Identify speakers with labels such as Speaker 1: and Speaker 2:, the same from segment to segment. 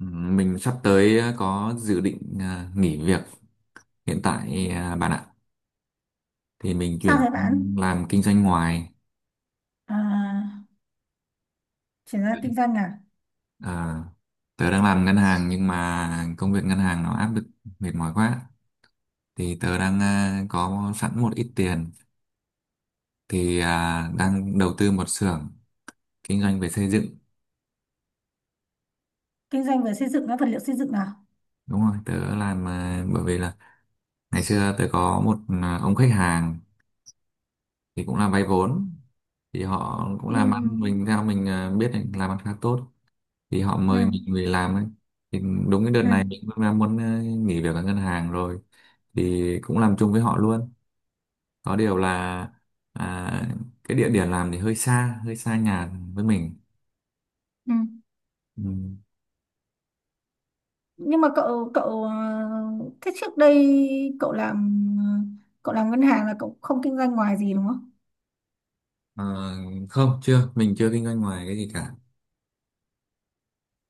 Speaker 1: Ừ, Mình sắp tới có dự định nghỉ việc hiện tại, bạn ạ. Thì mình
Speaker 2: Sao
Speaker 1: chuyển
Speaker 2: thế bạn?
Speaker 1: làm kinh doanh ngoài.
Speaker 2: À, chuyển ra kinh doanh à?
Speaker 1: À, tớ đang làm ngân hàng nhưng mà công việc ngân hàng nó áp lực mệt mỏi quá. Thì tớ đang có sẵn một ít tiền thì đang đầu tư một xưởng kinh doanh về xây dựng.
Speaker 2: Kinh doanh về xây dựng á, vật liệu xây dựng à?
Speaker 1: Đúng rồi, tớ làm, bởi vì là ngày xưa tớ có một ông khách hàng thì cũng là vay vốn, thì họ cũng
Speaker 2: Ừ,
Speaker 1: làm ăn, mình theo mình biết là làm ăn khá tốt, thì họ
Speaker 2: ừ,
Speaker 1: mời mình về làm ấy. Thì đúng cái đợt
Speaker 2: ừ,
Speaker 1: này mình cũng đang muốn nghỉ việc ở ngân hàng rồi, thì cũng làm chung với họ luôn. Có điều là à, cái địa điểm làm thì hơi xa nhà với mình.
Speaker 2: ừ.
Speaker 1: Ừ.
Speaker 2: Nhưng mà cậu cậu thế trước đây cậu làm cậu làm ngân hàng là cậu không kinh doanh ngoài gì đúng không?
Speaker 1: Ờ, không, chưa mình chưa kinh doanh ngoài cái gì cả.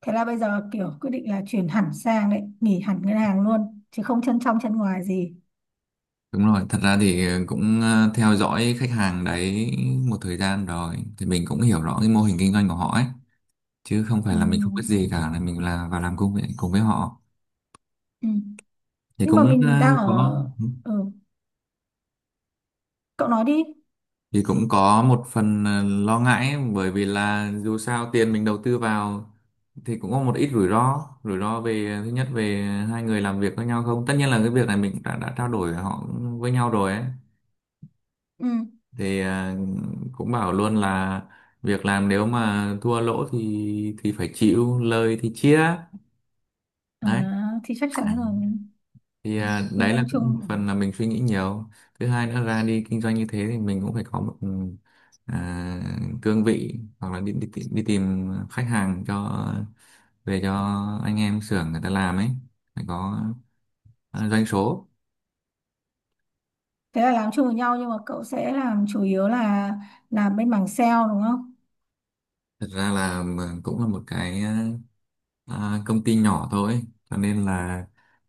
Speaker 2: Thế là bây giờ kiểu quyết định là chuyển hẳn sang đấy, nghỉ hẳn ngân hàng luôn, chứ không chân trong chân ngoài gì.
Speaker 1: Đúng rồi, thật ra thì cũng theo dõi khách hàng đấy một thời gian rồi thì mình cũng hiểu rõ cái mô hình kinh doanh của họ ấy, chứ không phải
Speaker 2: Ừ,
Speaker 1: là mình không biết gì cả, là mình là vào làm cùng với họ.
Speaker 2: ừ.
Speaker 1: Thì
Speaker 2: Nhưng mà
Speaker 1: cũng
Speaker 2: mình đang
Speaker 1: có,
Speaker 2: ở. Ừ, cậu nói đi.
Speaker 1: thì cũng có một phần lo ngại ấy, bởi vì là dù sao tiền mình đầu tư vào thì cũng có một ít rủi ro về thứ nhất về hai người làm việc với nhau không. Tất nhiên là cái việc này mình đã trao đổi họ với nhau rồi ấy,
Speaker 2: Ừ.
Speaker 1: thì cũng bảo luôn là việc làm nếu mà thua lỗ thì phải chịu, lời thì chia.
Speaker 2: À,
Speaker 1: Đấy
Speaker 2: thì chắc chắn là
Speaker 1: thì
Speaker 2: kinh
Speaker 1: đấy là
Speaker 2: doanh chung.
Speaker 1: cũng một phần là mình suy nghĩ nhiều. Thứ hai nữa, ra đi kinh doanh như thế thì mình cũng phải có một à, cương vị, hoặc là đi tìm khách hàng cho về cho anh em xưởng người ta làm ấy, phải có doanh số.
Speaker 2: Thế là làm chung với nhau nhưng mà cậu sẽ làm chủ yếu là làm bên mảng sale đúng không?
Speaker 1: Thật ra là mà cũng là một cái công ty nhỏ thôi, cho nên là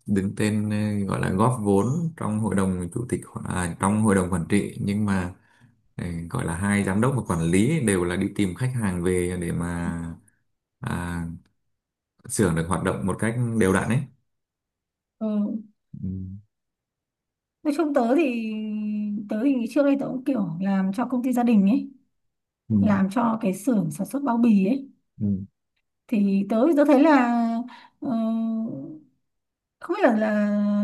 Speaker 1: đứng tên, gọi là góp vốn trong hội đồng chủ tịch hoặc- à, trong hội đồng quản trị, nhưng mà gọi là hai giám đốc và quản lý đều là đi tìm khách hàng về để mà à, xưởng được hoạt động một cách đều đặn ấy.
Speaker 2: Ừ.
Speaker 1: Ừ,
Speaker 2: Nói chung tớ thì trước đây tớ cũng kiểu làm cho công ty gia đình ấy,
Speaker 1: ừ,
Speaker 2: làm cho cái xưởng sản xuất bao bì ấy.
Speaker 1: ừ.
Speaker 2: Thì tớ tớ thấy là ờ, không biết là là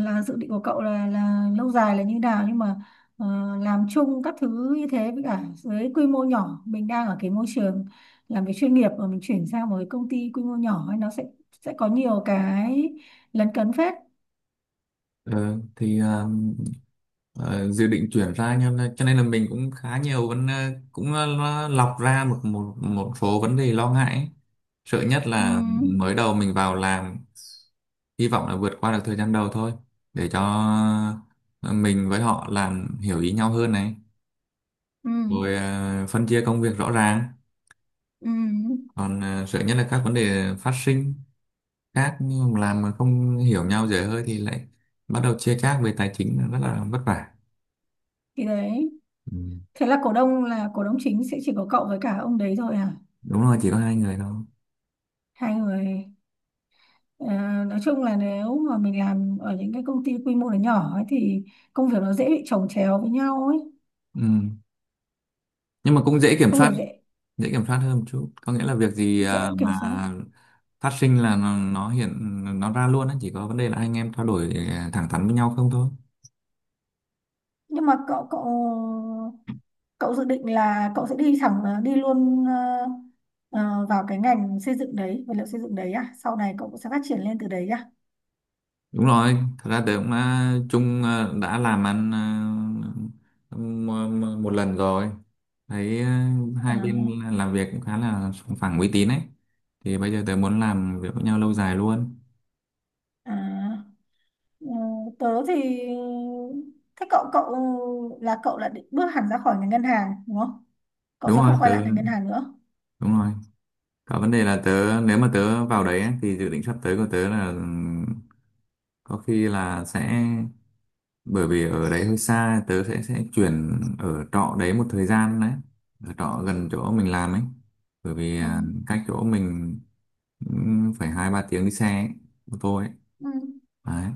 Speaker 2: là dự định của cậu là lâu dài là như nào, nhưng mà ờ, làm chung các thứ như thế với cả với quy mô nhỏ, mình đang ở cái môi trường làm việc chuyên nghiệp mà mình chuyển sang một cái công ty quy mô nhỏ ấy, nó sẽ có nhiều cái lấn cấn phết.
Speaker 1: Ờ, thì dự định chuyển ra, cho nên là mình cũng khá nhiều vấn ờ, cũng ờ, lo- lọc ra một một một số vấn đề lo ngại ấy. Sợ nhất
Speaker 2: Ừ,
Speaker 1: là mới đầu mình vào làm, hy vọng là vượt qua được thời gian đầu thôi, để cho ờ, mình với họ làm hiểu ý nhau hơn này,
Speaker 2: ừ,
Speaker 1: rồi phân chia công việc rõ ràng.
Speaker 2: ừ.
Speaker 1: Còn sợ nhất là các vấn đề phát sinh khác, nhưng mà làm mà không hiểu nhau dễ hơi thì lại bắt đầu chia chác về tài chính là rất là vất vả.
Speaker 2: Thì đấy,
Speaker 1: Ừ.
Speaker 2: thế là cổ đông chính sẽ chỉ có cậu với cả ông đấy thôi à?
Speaker 1: Đúng rồi, chỉ có hai người thôi.
Speaker 2: Hai người. Ờ, nói chung là nếu mà mình làm ở những cái công ty quy mô nó nhỏ ấy thì công việc nó dễ bị chồng chéo với nhau ấy,
Speaker 1: Ừ. Nhưng mà cũng dễ kiểm
Speaker 2: công
Speaker 1: soát,
Speaker 2: việc dễ
Speaker 1: dễ kiểm soát hơn một chút, có nghĩa là việc gì
Speaker 2: dễ kiểm
Speaker 1: mà
Speaker 2: soát.
Speaker 1: phát sinh là nó hiện nó ra luôn á, chỉ có vấn đề là anh em trao đổi thẳng thắn với nhau không thôi.
Speaker 2: Nhưng mà cậu cậu cậu dự định là cậu sẽ đi thẳng, đi luôn, vào cái ngành xây dựng đấy, vật liệu xây dựng đấy à, sau này cậu cũng sẽ phát triển lên từ đấy à?
Speaker 1: Đúng rồi, thật ra tớ cũng đã làm ăn ờ, m- một lần rồi. Thấy
Speaker 2: À,
Speaker 1: hai bên làm việc cũng khá là sòng phẳng uy tín ấy. Thì bây giờ tớ muốn làm việc với nhau lâu dài luôn.
Speaker 2: à. Ừ, tớ thì thế cậu cậu là định bước hẳn ra khỏi ngành ngân hàng đúng không? Cậu
Speaker 1: Đúng
Speaker 2: sẽ
Speaker 1: rồi,
Speaker 2: không quay
Speaker 1: tớ
Speaker 2: lại ngành ngân hàng nữa.
Speaker 1: đúng rồi. Có vấn đề là tớ, nếu mà tớ vào đấy ấy, thì dự định sắp tới của tớ là có khi là sẽ, bởi vì ở đấy hơi xa, tớ sẽ chuyển ở trọ đấy một thời gian đấy. Ở trọ gần chỗ mình làm ấy. Bởi vì
Speaker 2: Ừ.
Speaker 1: cách chỗ mình phải hai ba tiếng đi xe ấy, ô tô ấy,
Speaker 2: Ừ.
Speaker 1: đấy.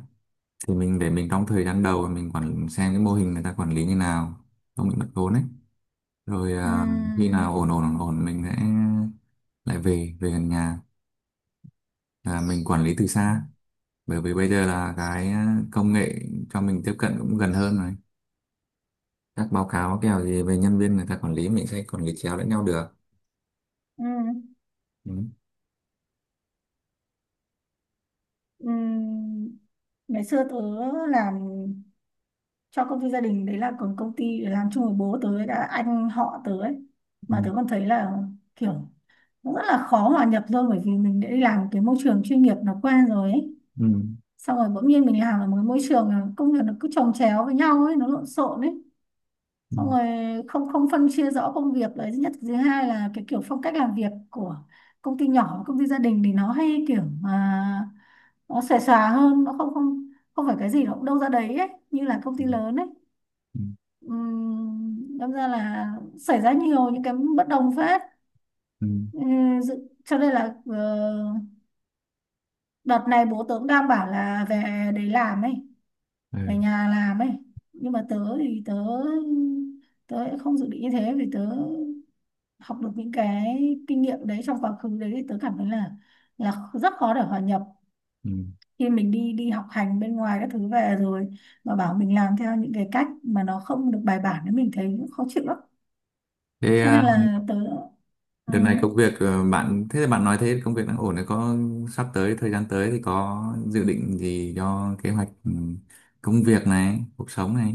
Speaker 1: Thì mình để mình trong thời gian đầu mình quản xem cái mô hình người ta quản lý như nào, không bị mất vốn ấy, rồi
Speaker 2: Ừ.
Speaker 1: khi nào ổn ổn ổn ổn mình sẽ lại về về gần nhà, là mình quản lý từ xa. Bởi vì bây giờ là cái công nghệ cho mình tiếp cận cũng gần hơn rồi, các báo cáo kèo gì về nhân viên người ta quản lý, mình sẽ quản lý chéo lẫn nhau được.
Speaker 2: Ừ.
Speaker 1: Ừ.
Speaker 2: Ừ. Ngày xưa tớ làm cho công ty gia đình đấy, là còn công ty để làm chung với bố tớ đã anh họ tớ ấy,
Speaker 1: Ừ.
Speaker 2: mà tớ còn thấy là kiểu nó rất là khó hòa nhập thôi, bởi vì mình đã đi làm cái môi trường chuyên nghiệp nó quen rồi ấy.
Speaker 1: Ừ.
Speaker 2: Xong rồi bỗng nhiên mình làm ở một cái môi trường là công việc nó cứ chồng chéo với nhau ấy, nó lộn xộn ấy,
Speaker 1: Ừ.
Speaker 2: xong rồi không không phân chia rõ công việc đấy, thứ nhất. Thứ hai là cái kiểu phong cách làm việc của công ty nhỏ, công ty gia đình thì nó hay kiểu mà nó xòe xòa hơn, nó không không không phải cái gì nó cũng đâu ra đấy ấy như là công ty lớn ấy.
Speaker 1: Ừ.
Speaker 2: Đâm ra là xảy ra nhiều những cái bất đồng phết.
Speaker 1: Ừ.
Speaker 2: Cho nên là đợt này bố tớ cũng đang bảo là về đấy làm ấy, về
Speaker 1: Ừ.
Speaker 2: nhà làm ấy, nhưng mà tớ thì tớ tớ lại không dự định như thế, vì tớ học được những cái kinh nghiệm đấy trong quá khứ đấy, thì tớ cảm thấy là rất khó để hòa nhập.
Speaker 1: Ừ.
Speaker 2: Khi mình đi đi học hành bên ngoài các thứ về rồi mà bảo mình làm theo những cái cách mà nó không được bài bản thì mình thấy khó chịu lắm.
Speaker 1: Thế
Speaker 2: Cái này
Speaker 1: à,
Speaker 2: là tớ. Ừ.
Speaker 1: đợt này công việc, bạn, thế là bạn nói thế công việc đang ổn đấy, có sắp tới thời gian tới thì có dự định gì cho kế hoạch, công việc này, cuộc sống này,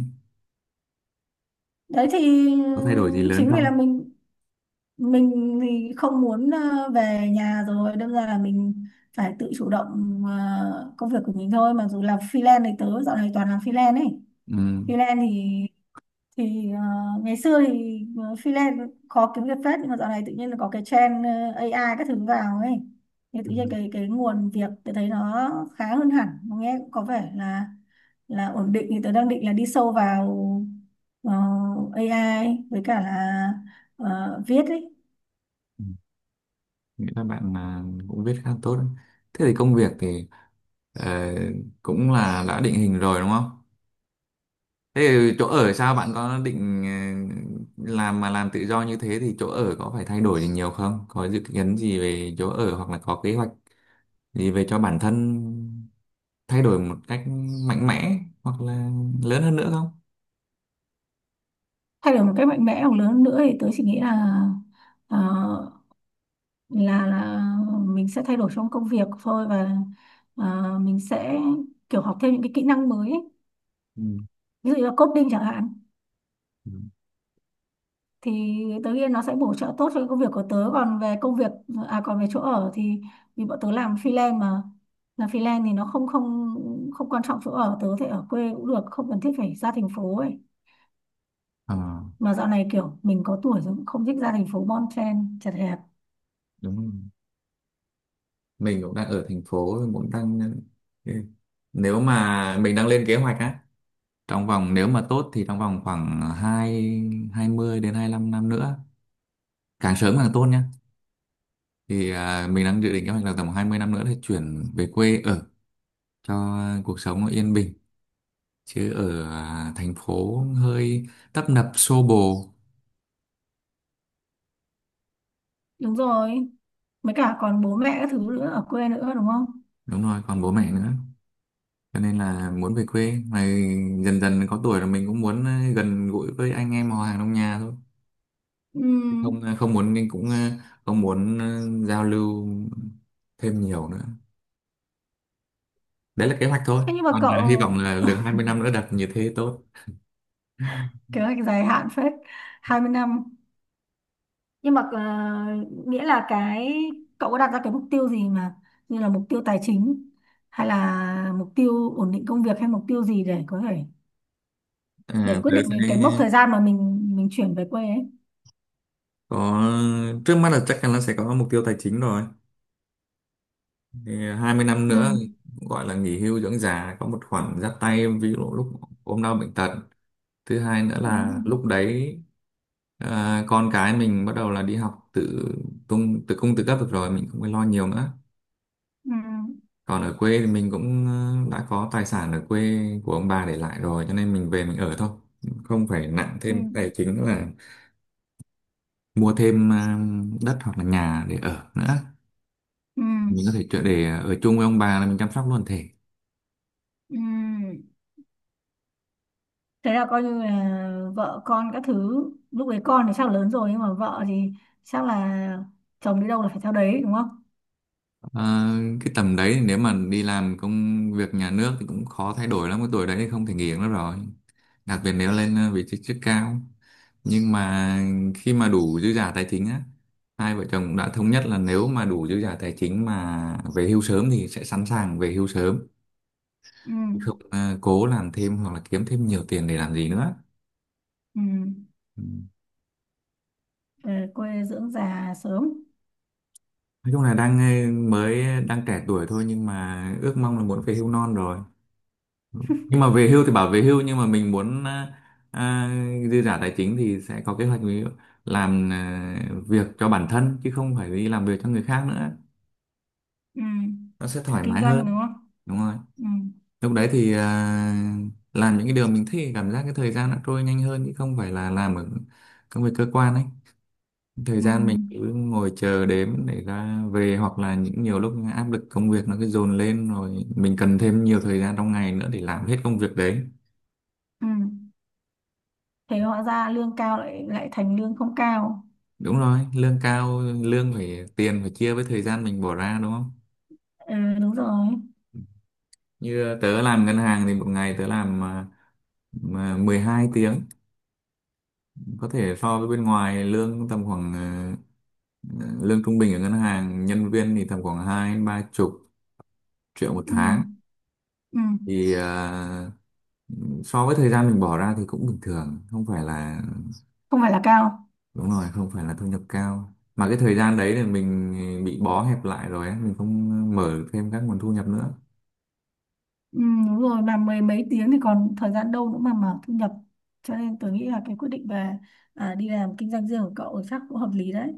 Speaker 2: Đấy thì
Speaker 1: có thay đổi gì lớn
Speaker 2: chính vì là
Speaker 1: không?
Speaker 2: mình thì không muốn về nhà, rồi đâm ra là mình phải tự chủ động công việc của mình thôi, mà dù làm freelance thì tớ dạo này toàn làm freelance ấy.
Speaker 1: Ừ.
Speaker 2: Freelance thì thì ờ, ngày xưa thì freelance khó kiếm việc phết, nhưng mà dạo này tự nhiên là có cái trend AI các thứ vào ấy. Thì tự
Speaker 1: Ừ,
Speaker 2: nhiên cái nguồn việc tôi thấy nó khá hơn hẳn, nó nghe cũng có vẻ là ổn định. Thì tôi đang định là đi sâu vào ờ, AI với cả là viết ấy.
Speaker 1: ừ. Nghĩ là bạn cũng viết khá tốt đấy. Thế thì công việc thì ờ, cũng là đã định hình rồi đúng không? Thế thì chỗ ở sao, bạn có định làm mà làm tự do như thế thì chỗ ở có phải thay đổi gì nhiều không? Có dự kiến gì về chỗ ở hoặc là có kế hoạch gì về cho bản thân thay đổi một cách mạnh mẽ hoặc là lớn hơn nữa không?
Speaker 2: Thay đổi một cách mạnh mẽ hoặc lớn hơn nữa thì tôi chỉ nghĩ là ờ, là mình sẽ thay đổi trong công việc thôi, và mình sẽ kiểu học thêm những cái kỹ năng mới ấy.
Speaker 1: Ừ.
Speaker 2: Ví dụ như là coding chẳng hạn,
Speaker 1: Ừ.
Speaker 2: thì tớ nghĩ nó sẽ bổ trợ tốt cho cái công việc của tớ. Còn về công việc, à còn về chỗ ở thì vì bọn tớ làm freelance mà, làm freelance thì nó không không không quan trọng chỗ ở, tớ có thể ở quê cũng được, không cần thiết phải ra thành phố ấy.
Speaker 1: Ờ,
Speaker 2: Mà dạo này kiểu mình có tuổi rồi cũng không thích ra thành phố bon chen chật hẹp.
Speaker 1: đúng rồi. Mình cũng đang ở thành phố, mình cũng đang, ừ, nếu mà mình đang lên kế hoạch á, trong vòng, nếu mà tốt thì trong vòng khoảng hai 20 đến hai lăm năm nữa, càng sớm càng tốt nhá. Thì mình đang dự định kế hoạch là tầm 20 năm nữa thì chuyển về quê ở, cho cuộc sống nó yên bình, chứ ở thành phố hơi tấp nập xô bồ.
Speaker 2: Đúng rồi, mấy cả còn bố mẹ các thứ nữa ở quê nữa đúng không?
Speaker 1: Đúng rồi, còn bố mẹ nữa, cho nên là muốn về quê. Mà dần dần có tuổi là mình cũng muốn gần gũi với anh em họ hàng trong nhà thôi. Chứ
Speaker 2: Ừm,
Speaker 1: không không muốn, nên cũng không muốn giao lưu thêm nhiều nữa. Đấy là kế hoạch thôi,
Speaker 2: thế nhưng mà
Speaker 1: còn
Speaker 2: cậu,
Speaker 1: hy vọng là được 20 năm nữa đặt như thế tốt.
Speaker 2: kế hoạch dài hạn phết, 20 năm, nhưng mà nghĩa là cái, cậu có đặt ra cái mục tiêu gì mà như là mục tiêu tài chính, hay là mục tiêu ổn định công việc, hay mục tiêu gì để có thể, để quyết
Speaker 1: Tớ
Speaker 2: định
Speaker 1: sẽ
Speaker 2: cái mốc thời gian mà mình chuyển về quê ấy?
Speaker 1: có, trước mắt là chắc chắn là sẽ có mục tiêu tài chính rồi. Thì 20 năm
Speaker 2: Ừ,
Speaker 1: nữa gọi là nghỉ hưu dưỡng già, có một khoản giáp tay, ví dụ lúc ốm đau bệnh tật. Thứ hai nữa
Speaker 2: ừ,
Speaker 1: là lúc đấy con cái mình bắt đầu là đi học tự tung, tự cung tự cấp được rồi, mình không phải lo nhiều nữa.
Speaker 2: ừ,
Speaker 1: Còn ở quê thì mình cũng đã có tài sản ở quê của ông bà để lại rồi, cho nên mình về mình ở thôi, không phải nặng
Speaker 2: ừ,
Speaker 1: thêm tài chính là mua thêm đất hoặc là nhà để ở nữa.
Speaker 2: ừ,
Speaker 1: Mình có thể trở để ở chung với ông bà, là mình chăm sóc luôn thể.
Speaker 2: ừ. Thế là coi như là vợ con các thứ, lúc đấy con thì chắc là lớn rồi, nhưng mà vợ thì chắc là chồng đi đâu là phải theo đấy đúng không?
Speaker 1: À, cái tầm đấy thì nếu mà đi làm công việc nhà nước thì cũng khó thay đổi lắm, cái tuổi đấy thì không thể nghỉ nữa rồi, đặc biệt nếu lên vị trí chức cao. Nhưng mà khi mà đủ dư giả tài chính á, hai vợ chồng cũng đã thống nhất là nếu mà đủ dư giả tài chính mà về hưu sớm thì sẽ sẵn sàng về hưu sớm.
Speaker 2: Ừ,
Speaker 1: Chứ không cố làm thêm hoặc là kiếm thêm nhiều tiền để làm gì nữa.
Speaker 2: ừ.
Speaker 1: Ừ.
Speaker 2: Về quê dưỡng già sớm.
Speaker 1: Nói chung là đang đang trẻ tuổi thôi, nhưng mà ước mong là muốn về hưu non rồi. Nhưng mà về hưu thì bảo về hưu, nhưng mà mình muốn à, dư giả tài chính thì sẽ có kế hoạch, ví dụ làm việc cho bản thân, chứ không phải đi làm việc cho người khác nữa,
Speaker 2: Ừ.
Speaker 1: nó sẽ
Speaker 2: Phải
Speaker 1: thoải
Speaker 2: kinh
Speaker 1: mái
Speaker 2: doanh
Speaker 1: hơn.
Speaker 2: đúng không?
Speaker 1: Đúng rồi,
Speaker 2: Ừ.
Speaker 1: lúc đấy thì làm những cái điều mình thích, cảm giác cái thời gian nó trôi nhanh hơn, chứ không phải là làm ở công việc cơ quan ấy, thời
Speaker 2: Ừ.
Speaker 1: gian mình cứ ngồi chờ đếm để ra về, hoặc là những nhiều lúc áp lực công việc nó cứ dồn lên rồi mình cần thêm nhiều thời gian trong ngày nữa để làm hết công việc đấy.
Speaker 2: Ừ. Thế hóa ra lương cao lại lại thành lương không cao.
Speaker 1: Đúng rồi, lương cao, lương phải, tiền phải chia với thời gian mình bỏ ra đúng không?
Speaker 2: Ừ, đúng rồi.
Speaker 1: Như tớ làm ngân hàng thì một ngày tớ làm mà 12 tiếng, có thể so với bên ngoài lương tầm khoảng lương trung bình ở ngân hàng nhân viên thì tầm khoảng hai ba chục triệu một
Speaker 2: Ừ.
Speaker 1: tháng.
Speaker 2: Ừ.
Speaker 1: Thì so với thời gian mình bỏ ra thì cũng bình thường, không phải là,
Speaker 2: Không phải là cao.
Speaker 1: đúng rồi, không phải là thu nhập cao. Mà cái thời gian đấy thì mình bị bó hẹp lại rồi ấy, mình không mở thêm các nguồn thu nhập nữa.
Speaker 2: Ừ, đúng rồi, mà mười mấy tiếng thì còn thời gian đâu nữa mà mở thu nhập. Cho nên tôi nghĩ là cái quyết định về đi làm kinh doanh riêng của cậu chắc cũng hợp lý đấy.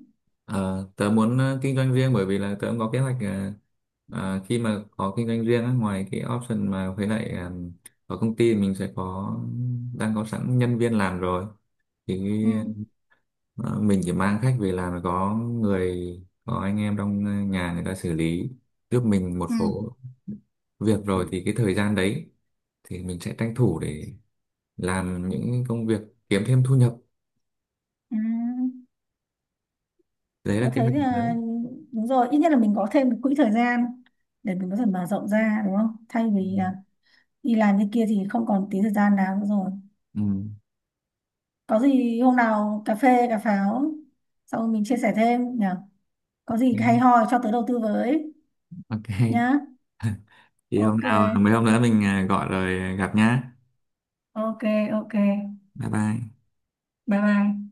Speaker 1: Ờ, tớ muốn kinh doanh riêng, bởi vì là tớ cũng có kế hoạch, khi mà có kinh doanh riêng á, ngoài cái option mà với lại ở công ty mình sẽ có, đang có sẵn nhân viên làm rồi, thì
Speaker 2: Ừ.
Speaker 1: ờ, mình chỉ mang khách về làm là có người, có anh em trong nhà người ta xử lý giúp mình một
Speaker 2: Ừ.
Speaker 1: số việc rồi, thì cái thời gian đấy thì mình sẽ tranh thủ để làm những công việc kiếm thêm thu nhập.
Speaker 2: Ừ.
Speaker 1: Đấy
Speaker 2: Tôi
Speaker 1: là kế
Speaker 2: thấy
Speaker 1: hoạch
Speaker 2: là
Speaker 1: lớn.
Speaker 2: đúng rồi, ít nhất là mình có thêm một quỹ thời gian để mình có thể mở rộng ra đúng không, thay vì đi làm như kia thì không còn tí thời gian nào nữa rồi.
Speaker 1: Ừ.
Speaker 2: Có gì hôm nào cà phê cà pháo xong rồi mình chia sẻ thêm nhỉ, có gì hay
Speaker 1: Ok.
Speaker 2: ho cho tớ đầu tư với
Speaker 1: Ok.
Speaker 2: nhá.
Speaker 1: Thì hôm
Speaker 2: Ok,
Speaker 1: nào mấy hôm nữa mình gọi rồi gặp nhá.
Speaker 2: ok, ok.
Speaker 1: Bye bye.
Speaker 2: Bye bye.